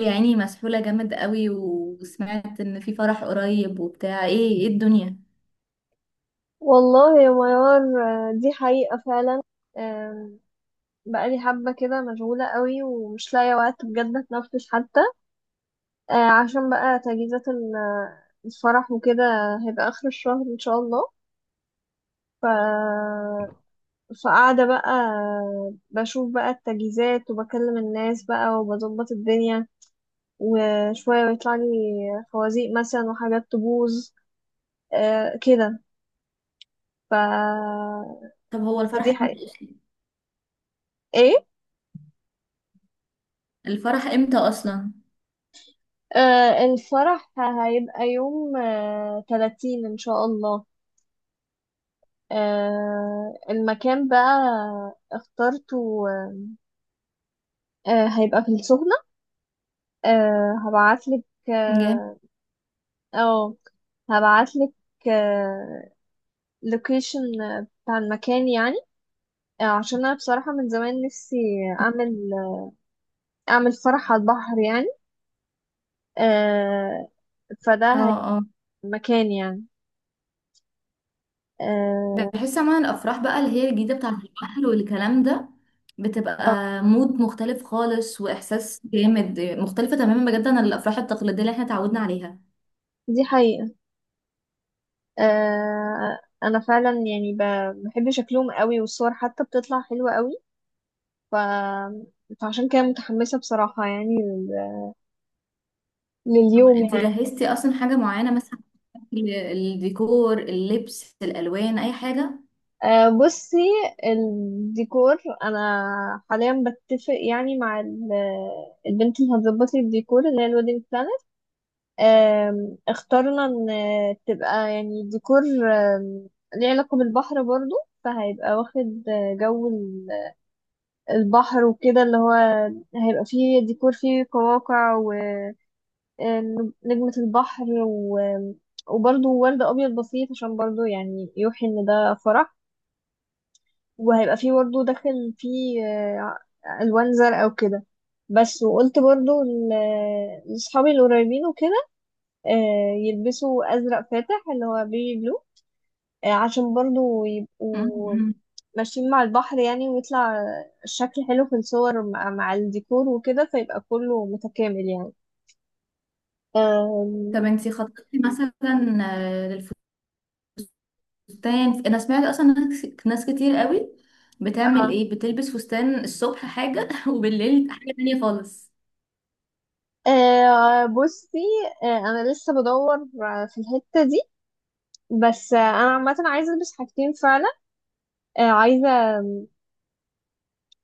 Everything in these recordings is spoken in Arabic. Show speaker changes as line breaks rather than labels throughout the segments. يا عيني، مسحولة جامد قوي. وسمعت ان في فرح قريب وبتاع. ايه ايه الدنيا؟
والله يا ميار، آه، دي حقيقة فعلا. آم، بقالي حبة كده مشغولة قوي ومش لاقية وقت بجد اتنفس حتى. عشان بقى تجهيزات الفرح وكده هيبقى آخر الشهر إن شاء الله. ف... فقاعدة بقى بشوف بقى التجهيزات وبكلم الناس بقى وبظبط الدنيا، وشوية بيطلع لي خوازيق مثلا وحاجات تبوظ، كده. ف...
طب هو
فدي
الفرح
حقيقة.
امتى اصلا؟
إيه؟
الفرح امتى اصلا؟
آه، الفرح هيبقى يوم 30 إن شاء الله. آه، المكان بقى اخترته، هيبقى في السخنة. هبعتلك،
جامد.
اه، أو هبعتلك آه لوكيشن بتاع المكان يعني. عشان أنا بصراحة من زمان نفسي أعمل فرح على البحر يعني، آه فده
اه،
هيبقى
اه،
المكان يعني، آه
بحس عموما الافراح بقى اللي هي الجديدة بتاعة البحر والكلام ده بتبقى
آه،
مود مختلف خالص، واحساس جامد مختلفة تماما بجد عن الافراح التقليدية اللي احنا اتعودنا عليها.
دي حقيقة. انا فعلا يعني بحب شكلهم قوي والصور حتى بتطلع حلوة قوي. ف... فعشان كده متحمسة بصراحة يعني
طب
لليوم
انت
يعني.
جهزتي اصلا حاجة معينة مثلا؟ الديكور، اللبس، الالوان، اي حاجة؟
آه، بصي، الديكور انا حاليا بتفق يعني مع البنت اللي هتظبط لي الديكور اللي هي الويدنج بلانر. اخترنا ان تبقى يعني ديكور، آم، ليه علاقة بالبحر برضو، فهيبقى واخد جو البحر وكده اللي هو هيبقى فيه ديكور فيه قواقع ونجمة البحر وبرضه ورد أبيض بسيط عشان برضه يعني يوحي إن ده فرح، وهيبقى فيه برضه داخل فيه ألوان زرقاء وكده. بس وقلت برضه لأصحابي القريبين وكده، يلبسوا أزرق فاتح اللي هو بيبي بلو، عشان برضه
م-
يبقوا
م.
ماشيين مع البحر يعني ويطلع الشكل حلو في الصور مع الديكور وكده، فيبقى كله متكامل يعني.
طب
أم...
انت خططتي مثلا فستان؟ انا سمعت اصلا ناس كتير قوي
اه،
بتعمل ايه، بتلبس فستان الصبح حاجه وبالليل حاجه تانية خالص.
آه، بصي، انا لسه بدور في الحتة دي. بس انا عامة عايزة البس حاجتين فعلا، عايزة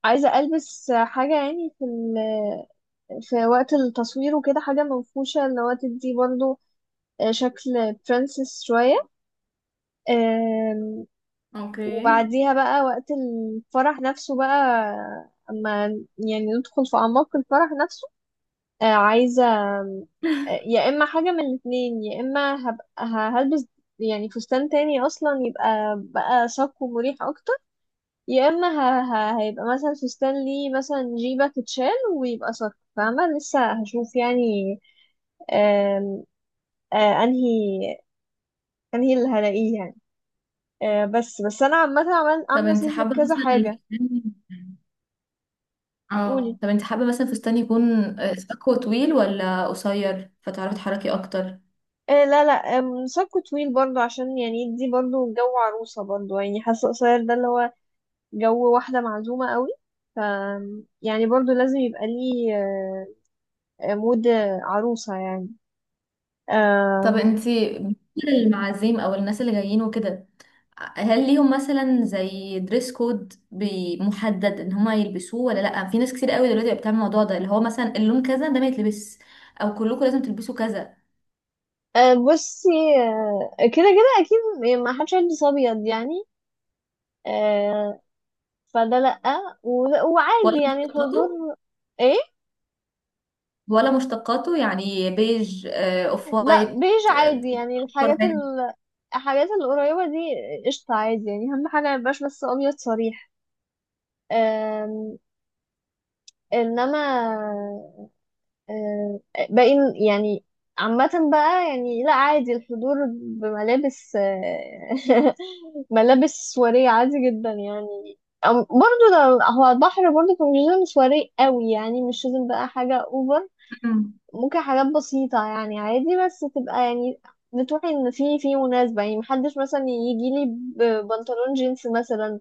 ألبس حاجة يعني في وقت التصوير وكده حاجة منفوشة اللي هو تدي برضو، شكل برنسس شوية.
اوكي.
وبعديها بقى وقت الفرح نفسه بقى، اما يعني ندخل في اعماق الفرح نفسه، عايزه، آم، يا اما حاجه من الاثنين، يا اما هبقى هلبس يعني فستان تاني اصلا يبقى بقى شاق ومريح اكتر، يا اما هيبقى مثلا فستان ليه مثلا جيبه تتشال ويبقى شاق فاهمه، لسه هشوف يعني. آم، آه، انهي انهي اللي هلاقيه يعني، بس بس انا عامه
طب
عامله
انت
سيف
حابه
لكذا
مثلا
حاجه.
الفستان، اه
قولي.
طب انت حابه مثلا فستان يكون اكوا طويل ولا قصير فتعرفي تحركي اكتر؟
إيه، لا لا، ساكو طويل برضو، عشان يعني دي برضو جو عروسة، برضو يعني حاسة قصير ده اللي هو جو واحدة معزومة قوي، ف يعني برضو لازم يبقى ليه مود عروسة يعني،
طب
آه.
انت بالنسبة للمعازيم او الناس اللي جايين وكده، هل ليهم مثلا زي دريس كود محدد ان هما يلبسوه ولا لا؟ في ناس كتير قوي دلوقتي بقت بتعمل الموضوع ده، اللي هو مثلا اللون كذا ده ما يتلبس، او كلكم لازم تلبسوا كذا.
آه، بصي، كده كده أكيد، يعني ما حدش هيلبس أبيض يعني، آه، فده لأ،
ولا
وعادي يعني
مشتقاته؟
الحضور. إيه،
ولا مشتقاته، يعني بيج، اوف
لأ
وايت،
بيج
آه،
عادي يعني
اصفر فاتح.
الحاجات القريبة دي، قشطة عادي يعني، أهم حاجة ميبقاش بس أبيض صريح. آم، انما آم، باقي يعني، عامة بقى يعني لا عادي الحضور بملابس ملابس سواريه عادي جدا يعني. برضو هو البحر برضو كان مش لازم سواري قوي يعني، مش لازم بقى حاجة اوفر،
أمم.
ممكن حاجات بسيطة يعني، عادي بس تبقى يعني بتروحي ان في مناسبة يعني، محدش مثلا يجي لي ببنطلون جينز مثلا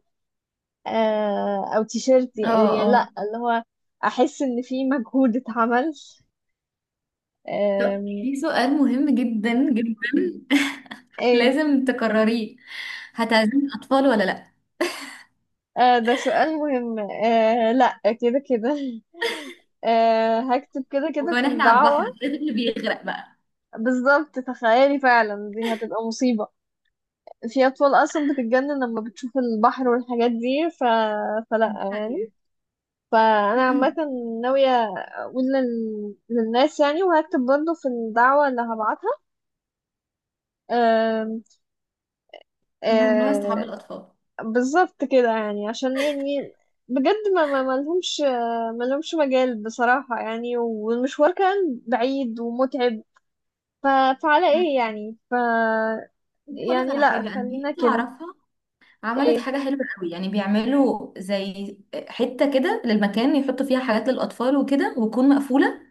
او تيشيرت
اه،
يعني، لا
اه،
اللي هو احس ان في مجهود اتعمل.
طب
آم،
في سؤال مهم جدا جدا
ايه،
لازم تكرريه. هتعزمي الاطفال ولا لا؟
آه، ده سؤال مهم، لا كده كده هكتب كده كده
وكمان
في
احنا على البحر،
الدعوة.
الطفل بيغرق بقى.
بالظبط، تخيلي فعلا دي هتبقى مصيبة، في أطفال أصلا بتتجنن لما بتشوف البحر والحاجات دي. فلا يعني، فأنا عامة ناوية أقول للناس يعني، وهكتب برضه في الدعوة اللي هبعتها. آم،
ممنوع استحب
آم،
الاطفال.
بالظبط كده يعني عشان يعني بجد ما لهمش مجال بصراحة يعني، والمشوار كان بعيد ومتعب. ف... فعلى
مم.
ايه يعني،
بصي اقول لك
يعني
على
لا
حاجه، انا في
خلينا
حته
كده.
اعرفها عملت
ايه،
حاجه حلوه قوي. يعني بيعملوا زي حته كده للمكان، يحطوا فيها حاجات للاطفال وكده، وتكون مقفوله،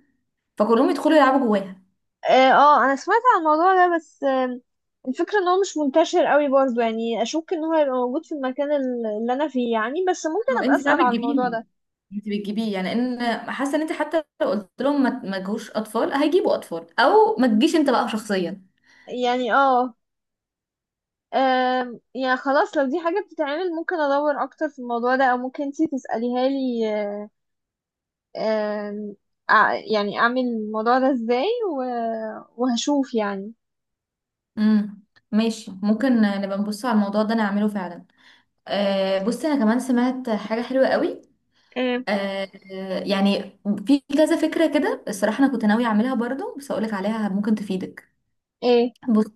فكلهم يدخلوا يلعبوا جواها.
اه، انا سمعت عن الموضوع ده، بس الفكرة ان هو مش منتشر قوي برضو، يعني اشك ان هو هيبقى موجود في المكان اللي انا فيه يعني، بس ممكن
هو
ابقى
انت بقى
اسأل عن الموضوع
بتجيبيهم؟
ده.
انت بتجيبيه يعني؟ ان حاسه ان انت حتى لو قلت لهم ما تجيبوش اطفال، هيجيبوا اطفال. او ما تجيش انت بقى شخصيا.
يعني اه، يعني خلاص لو دي حاجة بتتعمل ممكن أدور أكتر في الموضوع ده، أو ممكن انتي تسأليها لي، أم، يعني أعمل الموضوع ده ازاي وهشوف يعني.
امم، ماشي. ممكن نبقى نبص على الموضوع ده نعمله فعلا. أه بصي، انا كمان سمعت حاجه حلوه قوي.
أه،
آه يعني في كذا فكرة كده الصراحة. أنا كنت ناوية أعملها برضو، بس أقولك عليها ممكن تفيدك.
ايه،
بص،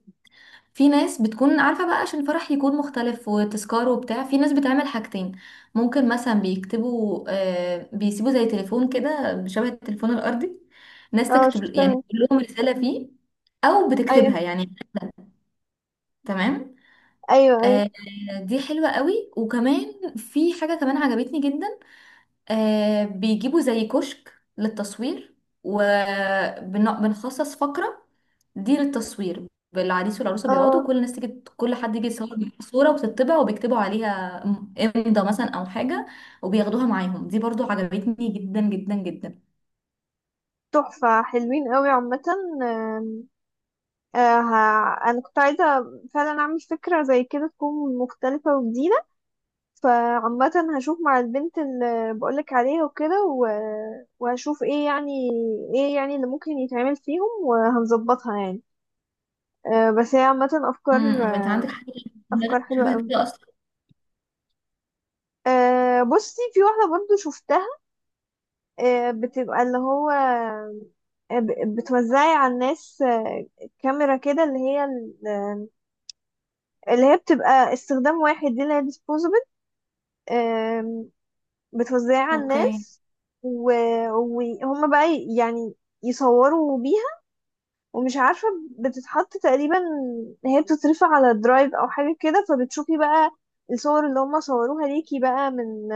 في ناس بتكون عارفة بقى عشان الفرح يكون مختلف وتذكار وبتاع. في ناس بتعمل حاجتين، ممكن مثلا بيكتبوا، آه بيسيبوا زي تليفون كده شبه التليفون الأرضي، ناس
اه
تكتب يعني،
شفتها،
تقول لهم رسالة فيه، أو
ايوه،
بتكتبها يعني. تمام.
ايوه، ايوه،
آه، دي حلوة قوي. وكمان في حاجة كمان عجبتني جدا، آه بيجيبوا زي كشك للتصوير وبنخصص فقرة دي للتصوير. العريس والعروسة بيقعدوا
اه،
وكل الناس تيجي، كل حد يجي يصور بيها صورة وبتطبع وبيكتبوا عليها امضى مثلا أو حاجة، وبياخدوها معاهم. دي برضو عجبتني جدا جدا جدا.
تحفة حلوين قوي عامة. أم، أنا كنت عايزة فعلا أعمل فكرة زي كده تكون مختلفة وجديدة، فعامة هشوف مع البنت اللي بقولك عليها وكده وهشوف ايه يعني، ايه يعني اللي ممكن يتعمل فيهم وهنظبطها يعني. أه بس هي عامة أفكار،
امم، انت عندك حاجة في
أفكار
دماغك
حلوة
شبه
أوي.
كده أصلا؟
أه، بصي، في واحدة برضو شفتها، أه بتبقى اللي هو بتوزعي على الناس كاميرا كده اللي هي اللي هي بتبقى استخدام واحد، دي اللي هي disposable، بتوزعها على
اوكي.
الناس و... وهم بقى يعني يصوروا بيها، ومش عارفة بتتحط تقريبا، هي بتترفع على درايف أو حاجة كده، فبتشوفي بقى الصور اللي هم صوروها ليكي بقى من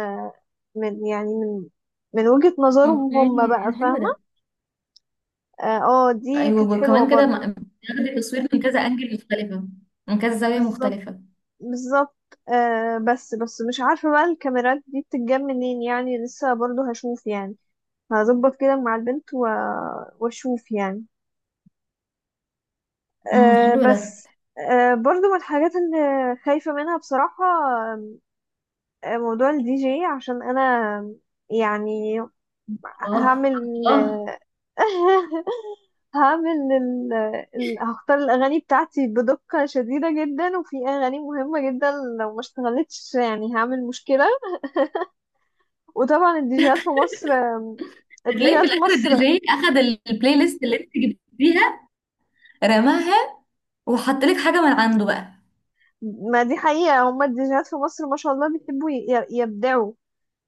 من يعني من من وجهة نظرهم
اوكي،
هم بقى،
ده حلو
فاهمة.
ده.
اه، دي كانت
ايوه،
حلوة
وكمان كده
برضو.
بتاخدي تصوير من كذا انجل مختلفة، من كذا زاوية
بالظبط،
مختلفة.
بالظبط، آه، بس بس مش عارفة بقى الكاميرات دي بتتجاب منين يعني، لسه برضو هشوف يعني، هظبط كده مع البنت واشوف يعني،
امم، حلو ده.
بس. برضو من الحاجات اللي خايفة منها بصراحة موضوع الدي جي، عشان أنا يعني
اه.
هعمل
الله.
هعمل هختار الأغاني بتاعتي بدقة شديدة جدا، وفي أغاني مهمة جدا لو ما اشتغلتش يعني هعمل مشكلة، وطبعا
بتلاقي في
الديجيهات في
الاخر الدي
مصر،
جي اخد البلاي ليست اللي انت جبتيها، رماها، وحط لك حاجه من عنده بقى.
ما دي حقيقة، هما الديجيهات في مصر ما شاء الله بيحبوا يبدعوا،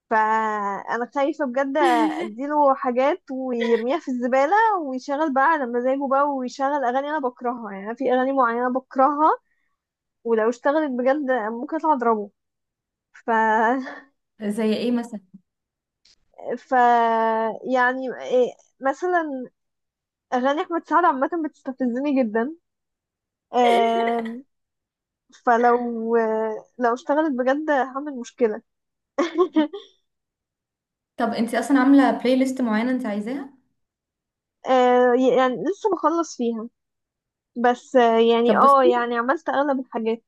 فانا خايفه بجد اديله حاجات ويرميها في الزباله، ويشغل بقى على مزاجه بقى، ويشغل اغاني انا بكرهها، يعني أنا في اغاني معينه بكرهها، ولو اشتغلت بجد ممكن اطلع اضربه. ف
زي ايه مثلا؟
ف يعني إيه، مثلا اغاني احمد سعد عامه بتستفزني جدا. آم، فلو آه، لو اشتغلت بجد هعمل مشكلة
طب انت اصلا عامله بلاي ليست معينه انت عايزاها؟
آه، يعني لسه بخلص فيها، بس يعني
طب
اه،
بصي،
يعني عملت اغلب الحاجات.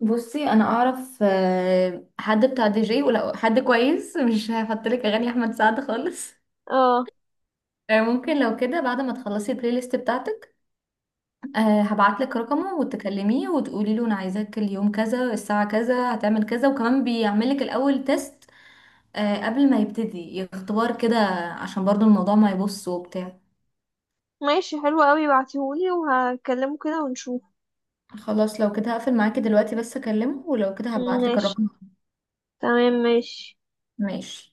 انا اعرف حد بتاع دي جي، ولو حد كويس مش هحط لك اغاني احمد سعد خالص.
اه،
ممكن لو كده بعد ما تخلصي البلاي ليست بتاعتك، هبعت لك رقمه وتكلميه وتقولي له انا عايزاك اليوم كذا الساعه كذا هتعمل كذا، وكمان بيعمل لك الاول تيست، قبل ما يبتدي، اختبار كده، عشان برضو الموضوع ما يبص وبتاع.
ماشي، حلو قوي، بعتهولي وهكلمه كده ونشوف.
خلاص لو كده هقفل معاكي دلوقتي، بس اكلمه ولو كده هبعتلك
ماشي،
الرقم.
تمام، ماشي.
ماشي.